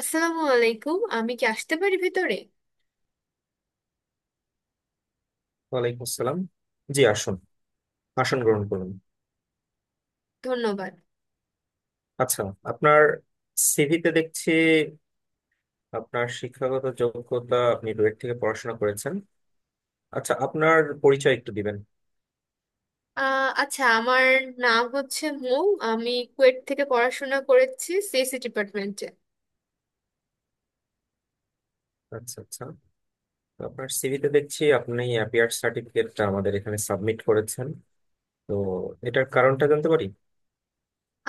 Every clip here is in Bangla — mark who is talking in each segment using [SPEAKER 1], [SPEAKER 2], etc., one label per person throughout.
[SPEAKER 1] আসসালামু আলাইকুম, আমি কি আসতে পারি ভিতরে?
[SPEAKER 2] ওয়ালাইকুম আসসালাম। জি, আসুন, আসন গ্রহণ করুন।
[SPEAKER 1] ধন্যবাদ।
[SPEAKER 2] আচ্ছা, আপনার সিভিতে দেখছি আপনার শিক্ষাগত যোগ্যতা, আপনি রুয়েট থেকে পড়াশোনা করেছেন। আচ্ছা, আপনার পরিচয় একটু দিবেন?
[SPEAKER 1] আচ্ছা, আমার নাম হচ্ছে মৌ। আমি কুয়েট থেকে পড়াশোনা করেছি CSC ডিপার্টমেন্টে।
[SPEAKER 2] আচ্ছা আচ্ছা তো আপনার সিভিতে দেখছি আপনি অ্যাপিয়ার সার্টিফিকেটটা আমাদের এখানে সাবমিট করেছেন, তো এটার কারণটা জানতে পারি?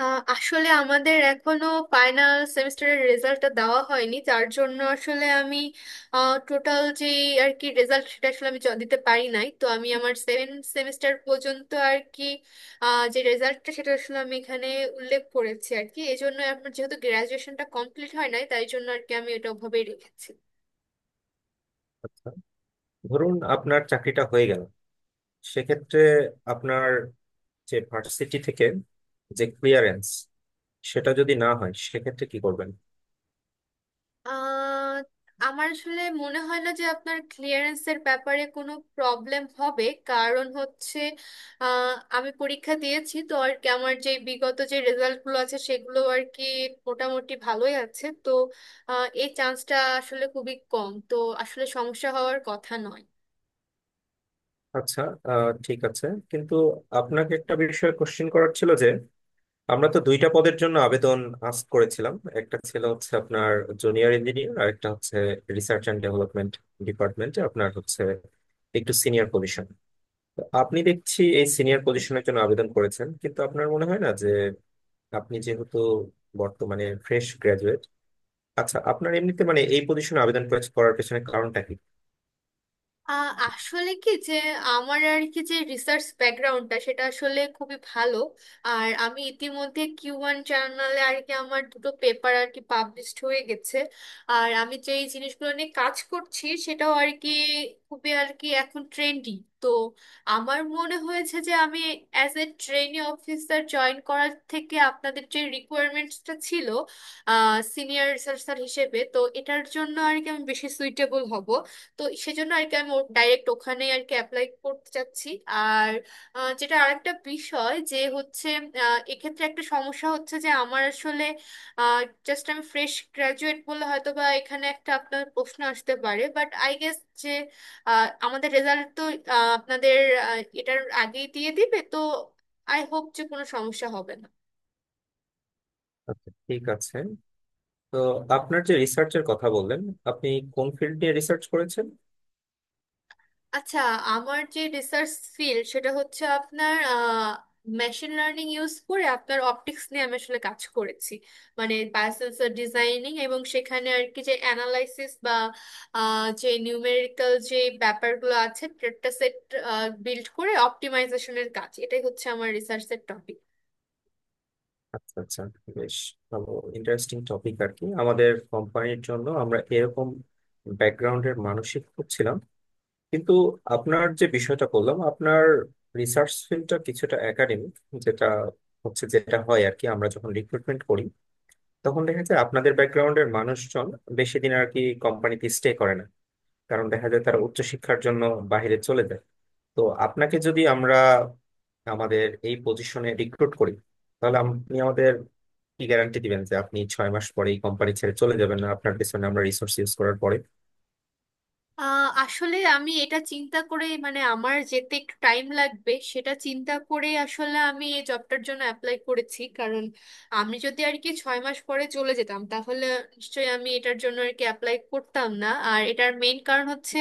[SPEAKER 1] আসলে আমাদের এখনো ফাইনাল সেমিস্টারের রেজাল্টটা দেওয়া হয়নি, যার জন্য আসলে আমি টোটাল যে আর কি রেজাল্ট সেটা আসলে আমি দিতে পারি নাই। তো আমি আমার 7 সেমিস্টার পর্যন্ত আর কি যে রেজাল্টটা সেটা আসলে আমি এখানে উল্লেখ করেছি আর কি। এই জন্য আমার যেহেতু গ্রাজুয়েশনটা কমপ্লিট হয় নাই, তাই জন্য আর কি আমি এটা ওভাবেই রেখেছি।
[SPEAKER 2] আচ্ছা, ধরুন আপনার চাকরিটা হয়ে গেল, সেক্ষেত্রে আপনার যে ভার্সিটি থেকে যে ক্লিয়ারেন্স, সেটা যদি না হয় সেক্ষেত্রে কি করবেন?
[SPEAKER 1] আহ, আমার আসলে মনে হয় না যে আপনার ক্লিয়ারেন্সের ব্যাপারে কোনো প্রবলেম হবে, কারণ হচ্ছে আহ, আমি পরীক্ষা দিয়েছি তো আর কি। আমার যে বিগত যে রেজাল্টগুলো আছে সেগুলো আর কি মোটামুটি ভালোই আছে। তো এই চান্সটা আসলে খুবই কম, তো আসলে সমস্যা হওয়ার কথা নয়।
[SPEAKER 2] আচ্ছা, ঠিক আছে। কিন্তু আপনাকে একটা বিষয়ে কোশ্চেন করার ছিল যে, আমরা তো দুইটা পদের জন্য আবেদন আস্ক করেছিলাম, একটা ছিল হচ্ছে আপনার জুনিয়র ইঞ্জিনিয়ার আর একটা হচ্ছে রিসার্চ এন্ড ডেভেলপমেন্ট ডিপার্টমেন্টে আপনার হচ্ছে একটু সিনিয়র পজিশন। আপনি দেখছি এই সিনিয়র পজিশনের জন্য আবেদন করেছেন, কিন্তু আপনার মনে হয় না যে আপনি যেহেতু বর্তমানে ফ্রেশ গ্রাজুয়েট? আচ্ছা, আপনার এমনিতে মানে এই পজিশনে আবেদন করার পেছনে কারণটা কি?
[SPEAKER 1] আসলে কি যে আমার আর কি যে রিসার্চ ব্যাকগ্রাউন্ডটা সেটা আসলে খুবই ভালো। আর আমি ইতিমধ্যে Q1 জার্নালে আর কি আমার দুটো পেপার আর কি পাবলিশড হয়ে গেছে। আর আমি যে এই জিনিসগুলো নিয়ে কাজ করছি সেটাও আর কি খুবই আর কি এখন ট্রেন্ডি। তো আমার মনে হয়েছে যে আমি as a trainee officer join করার থেকে আপনাদের যে রিকোয়ারমেন্টসটা ছিল সিনিয়র রিসার্চার হিসেবে, তো এটার জন্য আর কি আমি বেশি সুইটেবল হব। তো সেজন্য আর কি আমি ডাইরেক্ট ওখানে আর কি অ্যাপ্লাই করতে চাচ্ছি। আর যেটা আরেকটা বিষয় যে হচ্ছে এক্ষেত্রে একটা সমস্যা হচ্ছে যে আমার আসলে জাস্ট আমি ফ্রেশ গ্রাজুয়েট বললে হয়তো বা এখানে একটা আপনার প্রশ্ন আসতে পারে, বাট আই গেস যে আমাদের রেজাল্ট তো আপনাদের এটার আগেই দিয়ে দিবে। তো আই হোপ যে কোনো সমস্যা হবে না।
[SPEAKER 2] আচ্ছা, ঠিক আছে। তো আপনার যে রিসার্চের কথা বললেন, আপনি কোন ফিল্ড নিয়ে রিসার্চ করেছেন?
[SPEAKER 1] আচ্ছা, আমার যে রিসার্চ ফিল্ড সেটা হচ্ছে আপনার মেশিন লার্নিং ইউজ করে আপনার অপটিক্স নিয়ে আমি আসলে কাজ করেছি, মানে বায়োসেন্সর ডিজাইনিং। এবং সেখানে আর কি যে অ্যানালাইসিস বা যে নিউমেরিক্যাল যে ব্যাপারগুলো আছে, ডেটা সেট বিল্ড করে অপটিমাইজেশনের কাজ, এটাই হচ্ছে আমার রিসার্চের টপিক।
[SPEAKER 2] আচ্ছা আচ্ছা বেশ ভালো, ইন্টারেস্টিং টপিক আর কি। আমাদের কোম্পানির জন্য আমরা এরকম ব্যাকগ্রাউন্ডের মানসিক খুঁজছিলাম। কিন্তু আপনার যে বিষয়টা বললাম, আপনার রিসার্চ ফিল্ডটা কিছুটা একাডেমিক, যেটা হচ্ছে, যেটা হয় আর কি, আমরা যখন রিক্রুটমেন্ট করি তখন দেখা যায় আপনাদের ব্যাকগ্রাউন্ডের মানুষজন বেশি দিন আর কি কোম্পানিতে স্টে করে না, কারণ দেখা যায় তারা উচ্চশিক্ষার জন্য বাইরে চলে যায়। তো আপনাকে যদি আমরা আমাদের এই পজিশনে রিক্রুট করি, তাহলে আপনি আমাদের কি গ্যারান্টি দিবেন যে আপনি 6 মাস পরে এই কোম্পানি ছেড়ে চলে যাবেন না, আপনার পেছনে আমরা রিসোর্স ইউজ করার পরে?
[SPEAKER 1] আসলে আমি এটা চিন্তা করে, মানে আমার যেতে একটু টাইম লাগবে সেটা চিন্তা করে আসলে আমি এই জবটার জন্য অ্যাপ্লাই করেছি। কারণ আমি যদি আর কি 6 মাস পরে চলে যেতাম, তাহলে নিশ্চয়ই আমি এটার জন্য আর কি অ্যাপ্লাই করতাম না। আর এটার মেইন কারণ হচ্ছে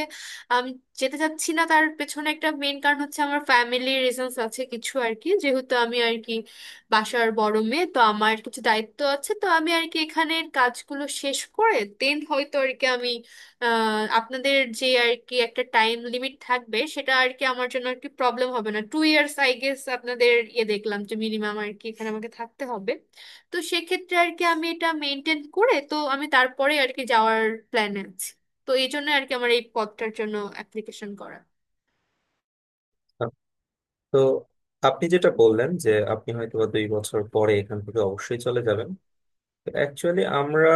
[SPEAKER 1] আমি যেতে চাচ্ছি না, তার পেছনে একটা মেইন কারণ হচ্ছে আমার ফ্যামিলির রিজনস আছে কিছু আর কি। যেহেতু আমি আর কি বাসার বড় মেয়ে, তো আমার কিছু দায়িত্ব আছে। তো আমি আর কি এখানের কাজগুলো শেষ করে দেন হয়তো আর কি আমি আপনাদের যে আর কি একটা টাইম লিমিট থাকবে সেটা আর কি আমার জন্য একটু প্রবলেম হবে না। 2 years আই গেস আপনাদের ইয়ে দেখলাম যে মিনিমাম আর কি এখানে আমাকে থাকতে হবে। তো সেক্ষেত্রে আর কি আমি এটা মেনটেন করে তো আমি তারপরে আর কি যাওয়ার প্ল্যান আছে। তো এই জন্য আর কি আমার এই পদটার জন্য অ্যাপ্লিকেশন করা।
[SPEAKER 2] তো আপনি যেটা বললেন যে আপনি হয়তো বা 2 বছর পরে এখান থেকে অবশ্যই চলে যাবেন, তো অ্যাকচুয়ালি আমরা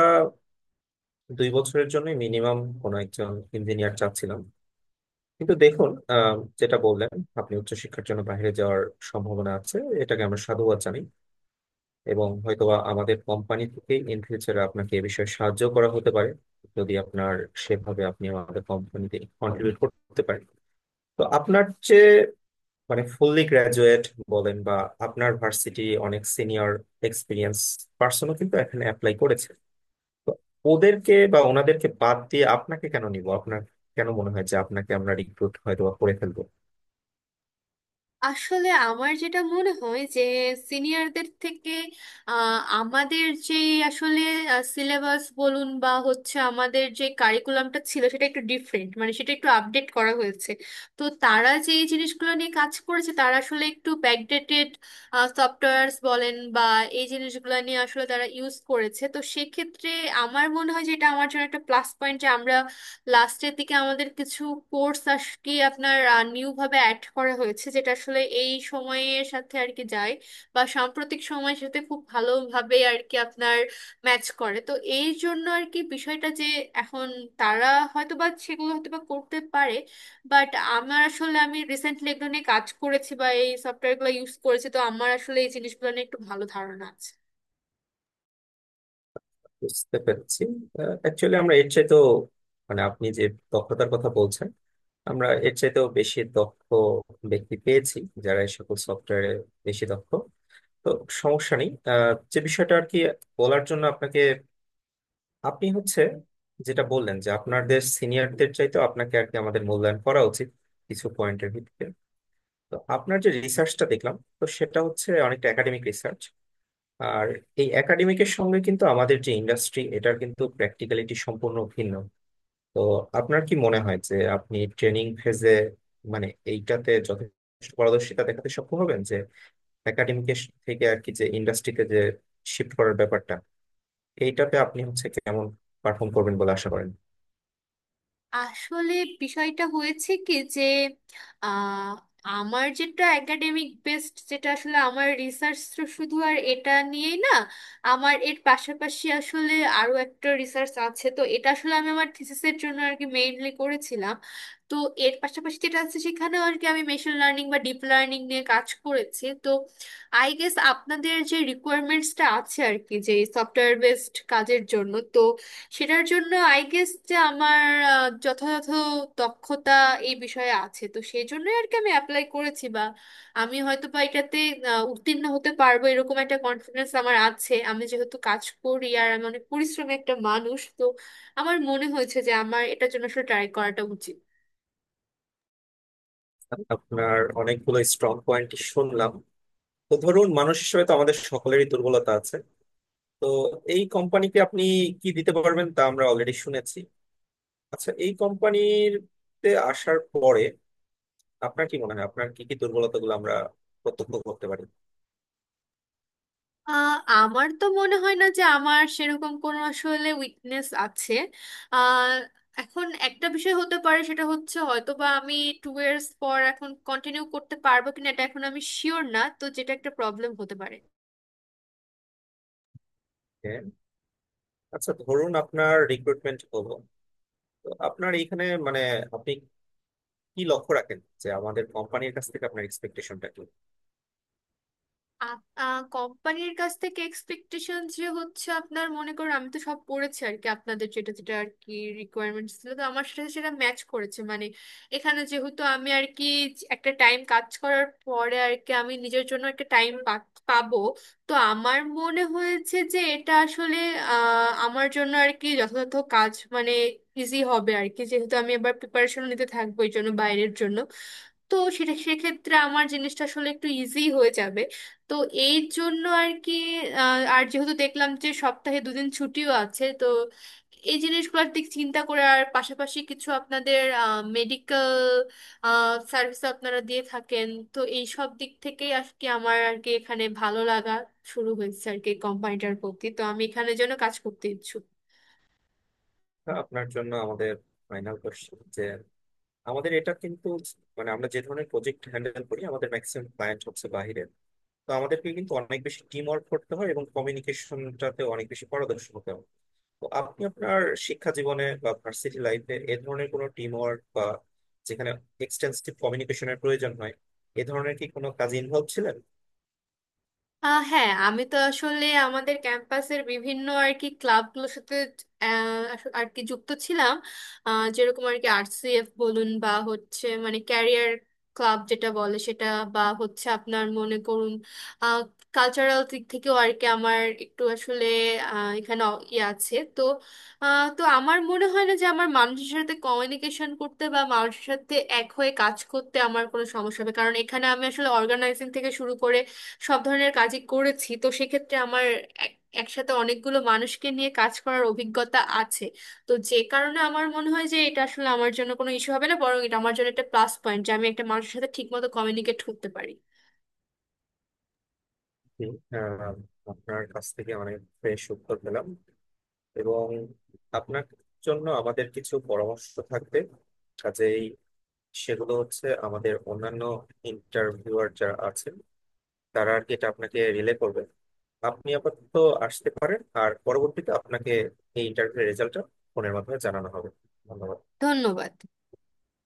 [SPEAKER 2] 2 বছরের জন্য মিনিমাম কোনো একজন ইঞ্জিনিয়ার চাচ্ছিলাম। কিন্তু দেখুন, যেটা বললেন, আপনি উচ্চশিক্ষার জন্য বাইরে যাওয়ার সম্ভাবনা আছে, এটাকে আমরা সাধুবাদ জানাই। এবং হয়তোবা আমাদের কোম্পানি থেকে ইন ফিউচারে আপনাকে এ বিষয়ে সাহায্য করা হতে পারে, যদি আপনার সেভাবে আপনি আমাদের কোম্পানিতে কন্ট্রিবিউট করতে পারেন। তো আপনার যে মানে ফুললি গ্রাজুয়েট বলেন বা, আপনার ভার্সিটি অনেক সিনিয়র এক্সপিরিয়েন্স পার্সনও কিন্তু এখানে অ্যাপ্লাই করেছে, তো ওদেরকে বা ওনাদেরকে বাদ দিয়ে আপনাকে কেন নিব? আপনার কেন মনে হয় যে আপনাকে আমরা রিক্রুট হয়তো বা করে ফেলবো?
[SPEAKER 1] আসলে আমার যেটা মনে হয় যে সিনিয়রদের থেকে আমাদের যে আসলে সিলেবাস বলুন বা হচ্ছে আমাদের যে কারিকুলামটা ছিল সেটা একটু ডিফারেন্ট, মানে সেটা একটু আপডেট করা হয়েছে। তো তারা যে এই জিনিসগুলো নিয়ে কাজ করেছে তারা আসলে একটু ব্যাকডেটেড সফটওয়্যার্স বলেন বা এই জিনিসগুলো নিয়ে আসলে তারা ইউজ করেছে। তো সেক্ষেত্রে আমার মনে হয় যে এটা আমার জন্য একটা প্লাস পয়েন্ট যে আমরা লাস্টের দিকে আমাদের কিছু কোর্স আর কি আপনার নিউ ভাবে অ্যাড করা হয়েছে, যেটা আসলে এই সময়ের সাথে আর কি যায় বা সাম্প্রতিক সময়ের সাথে খুব ভালোভাবে আর কি আপনার ম্যাচ করে। তো এই জন্য আর কি বিষয়টা যে এখন তারা হয়তো বা সেগুলো হয়তো বা করতে পারে, বাট আমার আসলে আমি রিসেন্টলি এগুলো নিয়ে কাজ করেছি বা এই সফটওয়্যারগুলো ইউজ করেছি, তো আমার আসলে এই জিনিসগুলো নিয়ে একটু ভালো ধারণা আছে।
[SPEAKER 2] বুঝতে পেরেছি। অ্যাকচুয়ালি আমরা এর চাইতেও মানে আপনি যে দক্ষতার কথা বলছেন, আমরা এর চাইতেও বেশি দক্ষ ব্যক্তি পেয়েছি যারা এই সকল সফটওয়্যারে বেশি দক্ষ। তো সমস্যা নেই। যে বিষয়টা আর কি বলার জন্য আপনাকে, আপনি হচ্ছে যেটা বললেন যে আপনাদের সিনিয়রদের চাইতে আপনাকে আর কি আমাদের মূল্যায়ন করা উচিত কিছু পয়েন্টের ভিত্তিতে। তো আপনার যে রিসার্চটা দেখলাম, তো সেটা হচ্ছে অনেকটা একাডেমিক রিসার্চ। আর এই একাডেমিকের সঙ্গে কিন্তু আমাদের যে ইন্ডাস্ট্রি, এটার কিন্তু প্র্যাকটিক্যালিটি সম্পূর্ণ ভিন্ন। তো আপনার কি মনে হয় যে আপনি ট্রেনিং ফেজে মানে এইটাতে যথেষ্ট পারদর্শিতা দেখাতে সক্ষম হবেন, যে একাডেমিক থেকে আর কি যে ইন্ডাস্ট্রিতে যে শিফট করার ব্যাপারটা, এইটাতে আপনি হচ্ছে কেমন পারফর্ম করবেন বলে আশা করেন?
[SPEAKER 1] আসলে বিষয়টা হয়েছে কি যে আহ, আমার যেটা একাডেমিক বেসড, যেটা আসলে আমার রিসার্চ তো শুধু আর এটা নিয়েই না, আমার এর পাশাপাশি আসলে আরো একটা রিসার্চ আছে। তো এটা আসলে আমি আমার থিসিসের জন্য আর কি মেইনলি করেছিলাম। তো এর পাশাপাশি যেটা আছে সেখানেও আর কি আমি মেশিন লার্নিং বা ডিপ লার্নিং নিয়ে কাজ করেছি। তো আই গেস আপনাদের যে রিকোয়ারমেন্টসটা আছে আর কি যে সফটওয়্যার বেসড কাজের জন্য, তো সেটার জন্য আই গেস যে আমার যথাযথ দক্ষতা এই বিষয়ে আছে। তো সেই জন্যই আর কি আমি অ্যাপ্লাই করেছি, বা আমি হয়তো বা এটাতে উত্তীর্ণ হতে পারবো এরকম একটা কনফিডেন্স আমার আছে। আমি যেহেতু কাজ করি আর আমি অনেক পরিশ্রমী একটা মানুষ, তো আমার মনে হয়েছে যে আমার এটার জন্য আসলে ট্রাই করাটা উচিত।
[SPEAKER 2] আপনার অনেকগুলো স্ট্রং পয়েন্ট শুনলাম। তো ধরুন, মানুষ হিসেবে তো আমাদের সকলেরই দুর্বলতা আছে। তো এই কোম্পানিকে আপনি কি দিতে পারবেন তা আমরা অলরেডি শুনেছি। আচ্ছা, এই কোম্পানিতে আসার পরে আপনার কি মনে হয় আপনার কি কি দুর্বলতাগুলো আমরা প্রত্যক্ষ করতে পারি?
[SPEAKER 1] আমার তো মনে হয় না যে আমার সেরকম কোনো আসলে উইকনেস আছে। আহ, এখন একটা বিষয় হতে পারে, সেটা হচ্ছে হয়তো বা আমি 2 years পর এখন কন্টিনিউ করতে পারবো কিনা এটা এখন আমি শিওর না, তো যেটা একটা প্রবলেম হতে পারে।
[SPEAKER 2] হ্যাঁ। আচ্ছা, ধরুন আপনার রিক্রুটমেন্ট হলো, তো আপনার এখানে মানে আপনি কি লক্ষ্য রাখেন যে আমাদের কোম্পানির কাছ থেকে আপনার এক্সপেকটেশনটা কি?
[SPEAKER 1] কোম্পানির কাছ থেকে এক্সপেকটেশন যে হচ্ছে আপনার মনে করুন আমি তো সব পড়েছি আর কি, আপনাদের যেটা যেটা আর কি রিকোয়ারমেন্টস ছিল তো আমার সাথে সেটা ম্যাচ করেছে। মানে এখানে যেহেতু আমি আর কি একটা টাইম কাজ করার পরে আর কি আমি নিজের জন্য একটা টাইম পাবো। তো আমার মনে হয়েছে যে এটা আসলে আমার জন্য আর কি যথাযথ কাজ, মানে ইজি হবে আর কি। যেহেতু আমি এবার প্রিপারেশন নিতে থাকবো এই জন্য বাইরের জন্য, তো সেটা সেক্ষেত্রে আমার জিনিসটা আসলে একটু ইজি হয়ে যাবে। তো এই জন্য আর কি আর যেহেতু দেখলাম যে সপ্তাহে দুদিন ছুটিও আছে, তো এই জিনিসগুলোর দিক চিন্তা করে আর পাশাপাশি কিছু আপনাদের মেডিকেল সার্ভিস আপনারা দিয়ে থাকেন, তো এই সব দিক থেকেই আর কি আমার আর কি এখানে ভালো লাগা শুরু হয়েছে আর কি কোম্পানিটার প্রতি। তো আমি এখানে যেন কাজ করতে ইচ্ছুক।
[SPEAKER 2] তা আপনার জন্য আমাদের ফাইনাল কোশ্চেন যে, আমাদের এটা কিন্তু মানে আমরা যে ধরনের প্রজেক্ট হ্যান্ডেল করি আমাদের ম্যাক্সিমাম ক্লায়েন্ট হচ্ছে বাইরের, তো আমাদেরকে কিন্তু অনেক বেশি টিম ওয়ার্ক করতে হয় এবং কমিউনিকেশনটাতে অনেক বেশি পারদর্শী হতে হয়। তো আপনি আপনার শিক্ষা জীবনে বা ভার্সিটি লাইফে এ ধরনের কোনো টিম ওয়ার্ক বা যেখানে এক্সটেন্সিভ কমিউনিকেশনের প্রয়োজন হয়, এ ধরনের কি কোনো কাজে ইনভলভ ছিলেন?
[SPEAKER 1] হ্যাঁ, আমি তো আসলে আমাদের ক্যাম্পাসের বিভিন্ন আর কি ক্লাবগুলোর সাথে আর কি যুক্ত ছিলাম। যেরকম আর কি RCF বলুন বা হচ্ছে মানে ক্যারিয়ার ক্লাব যেটা বলে সেটা, বা হচ্ছে আপনার মনে করুন কালচারাল দিক থেকেও আর কি আমার একটু আসলে এখানে ইয়ে আছে। তো তো আমার মনে হয় না যে আমার মানুষের সাথে কমিউনিকেশন করতে বা মানুষের সাথে এক হয়ে কাজ করতে আমার কোনো সমস্যা হবে। কারণ এখানে আমি আসলে অর্গানাইজিং থেকে শুরু করে সব ধরনের কাজই করেছি, তো সেক্ষেত্রে আমার এক- একসাথে অনেকগুলো মানুষকে নিয়ে কাজ করার অভিজ্ঞতা আছে। তো যে কারণে আমার মনে হয় যে এটা আসলে আমার জন্য কোনো ইস্যু হবে না, বরং এটা আমার জন্য একটা প্লাস পয়েন্ট যে আমি একটা মানুষের সাথে ঠিকমতো কমিউনিকেট করতে পারি।
[SPEAKER 2] জি। আহ, আপনার কাছ থেকে অনেক ফ্রেশ উত্তর পেলাম, এবং আপনার জন্য আমাদের কিছু পরামর্শ থাকবে। কাজেই সেগুলো হচ্ছে আমাদের অন্যান্য ইন্টারভিউয়ার যারা আছেন তারা আর কি এটা আপনাকে রিলে করবে। আপনি আপাতত আসতে পারেন, আর পরবর্তীতে আপনাকে এই ইন্টারভিউ রেজাল্টটা ফোনের মাধ্যমে জানানো হবে। ধন্যবাদ।
[SPEAKER 1] ধন্যবাদ।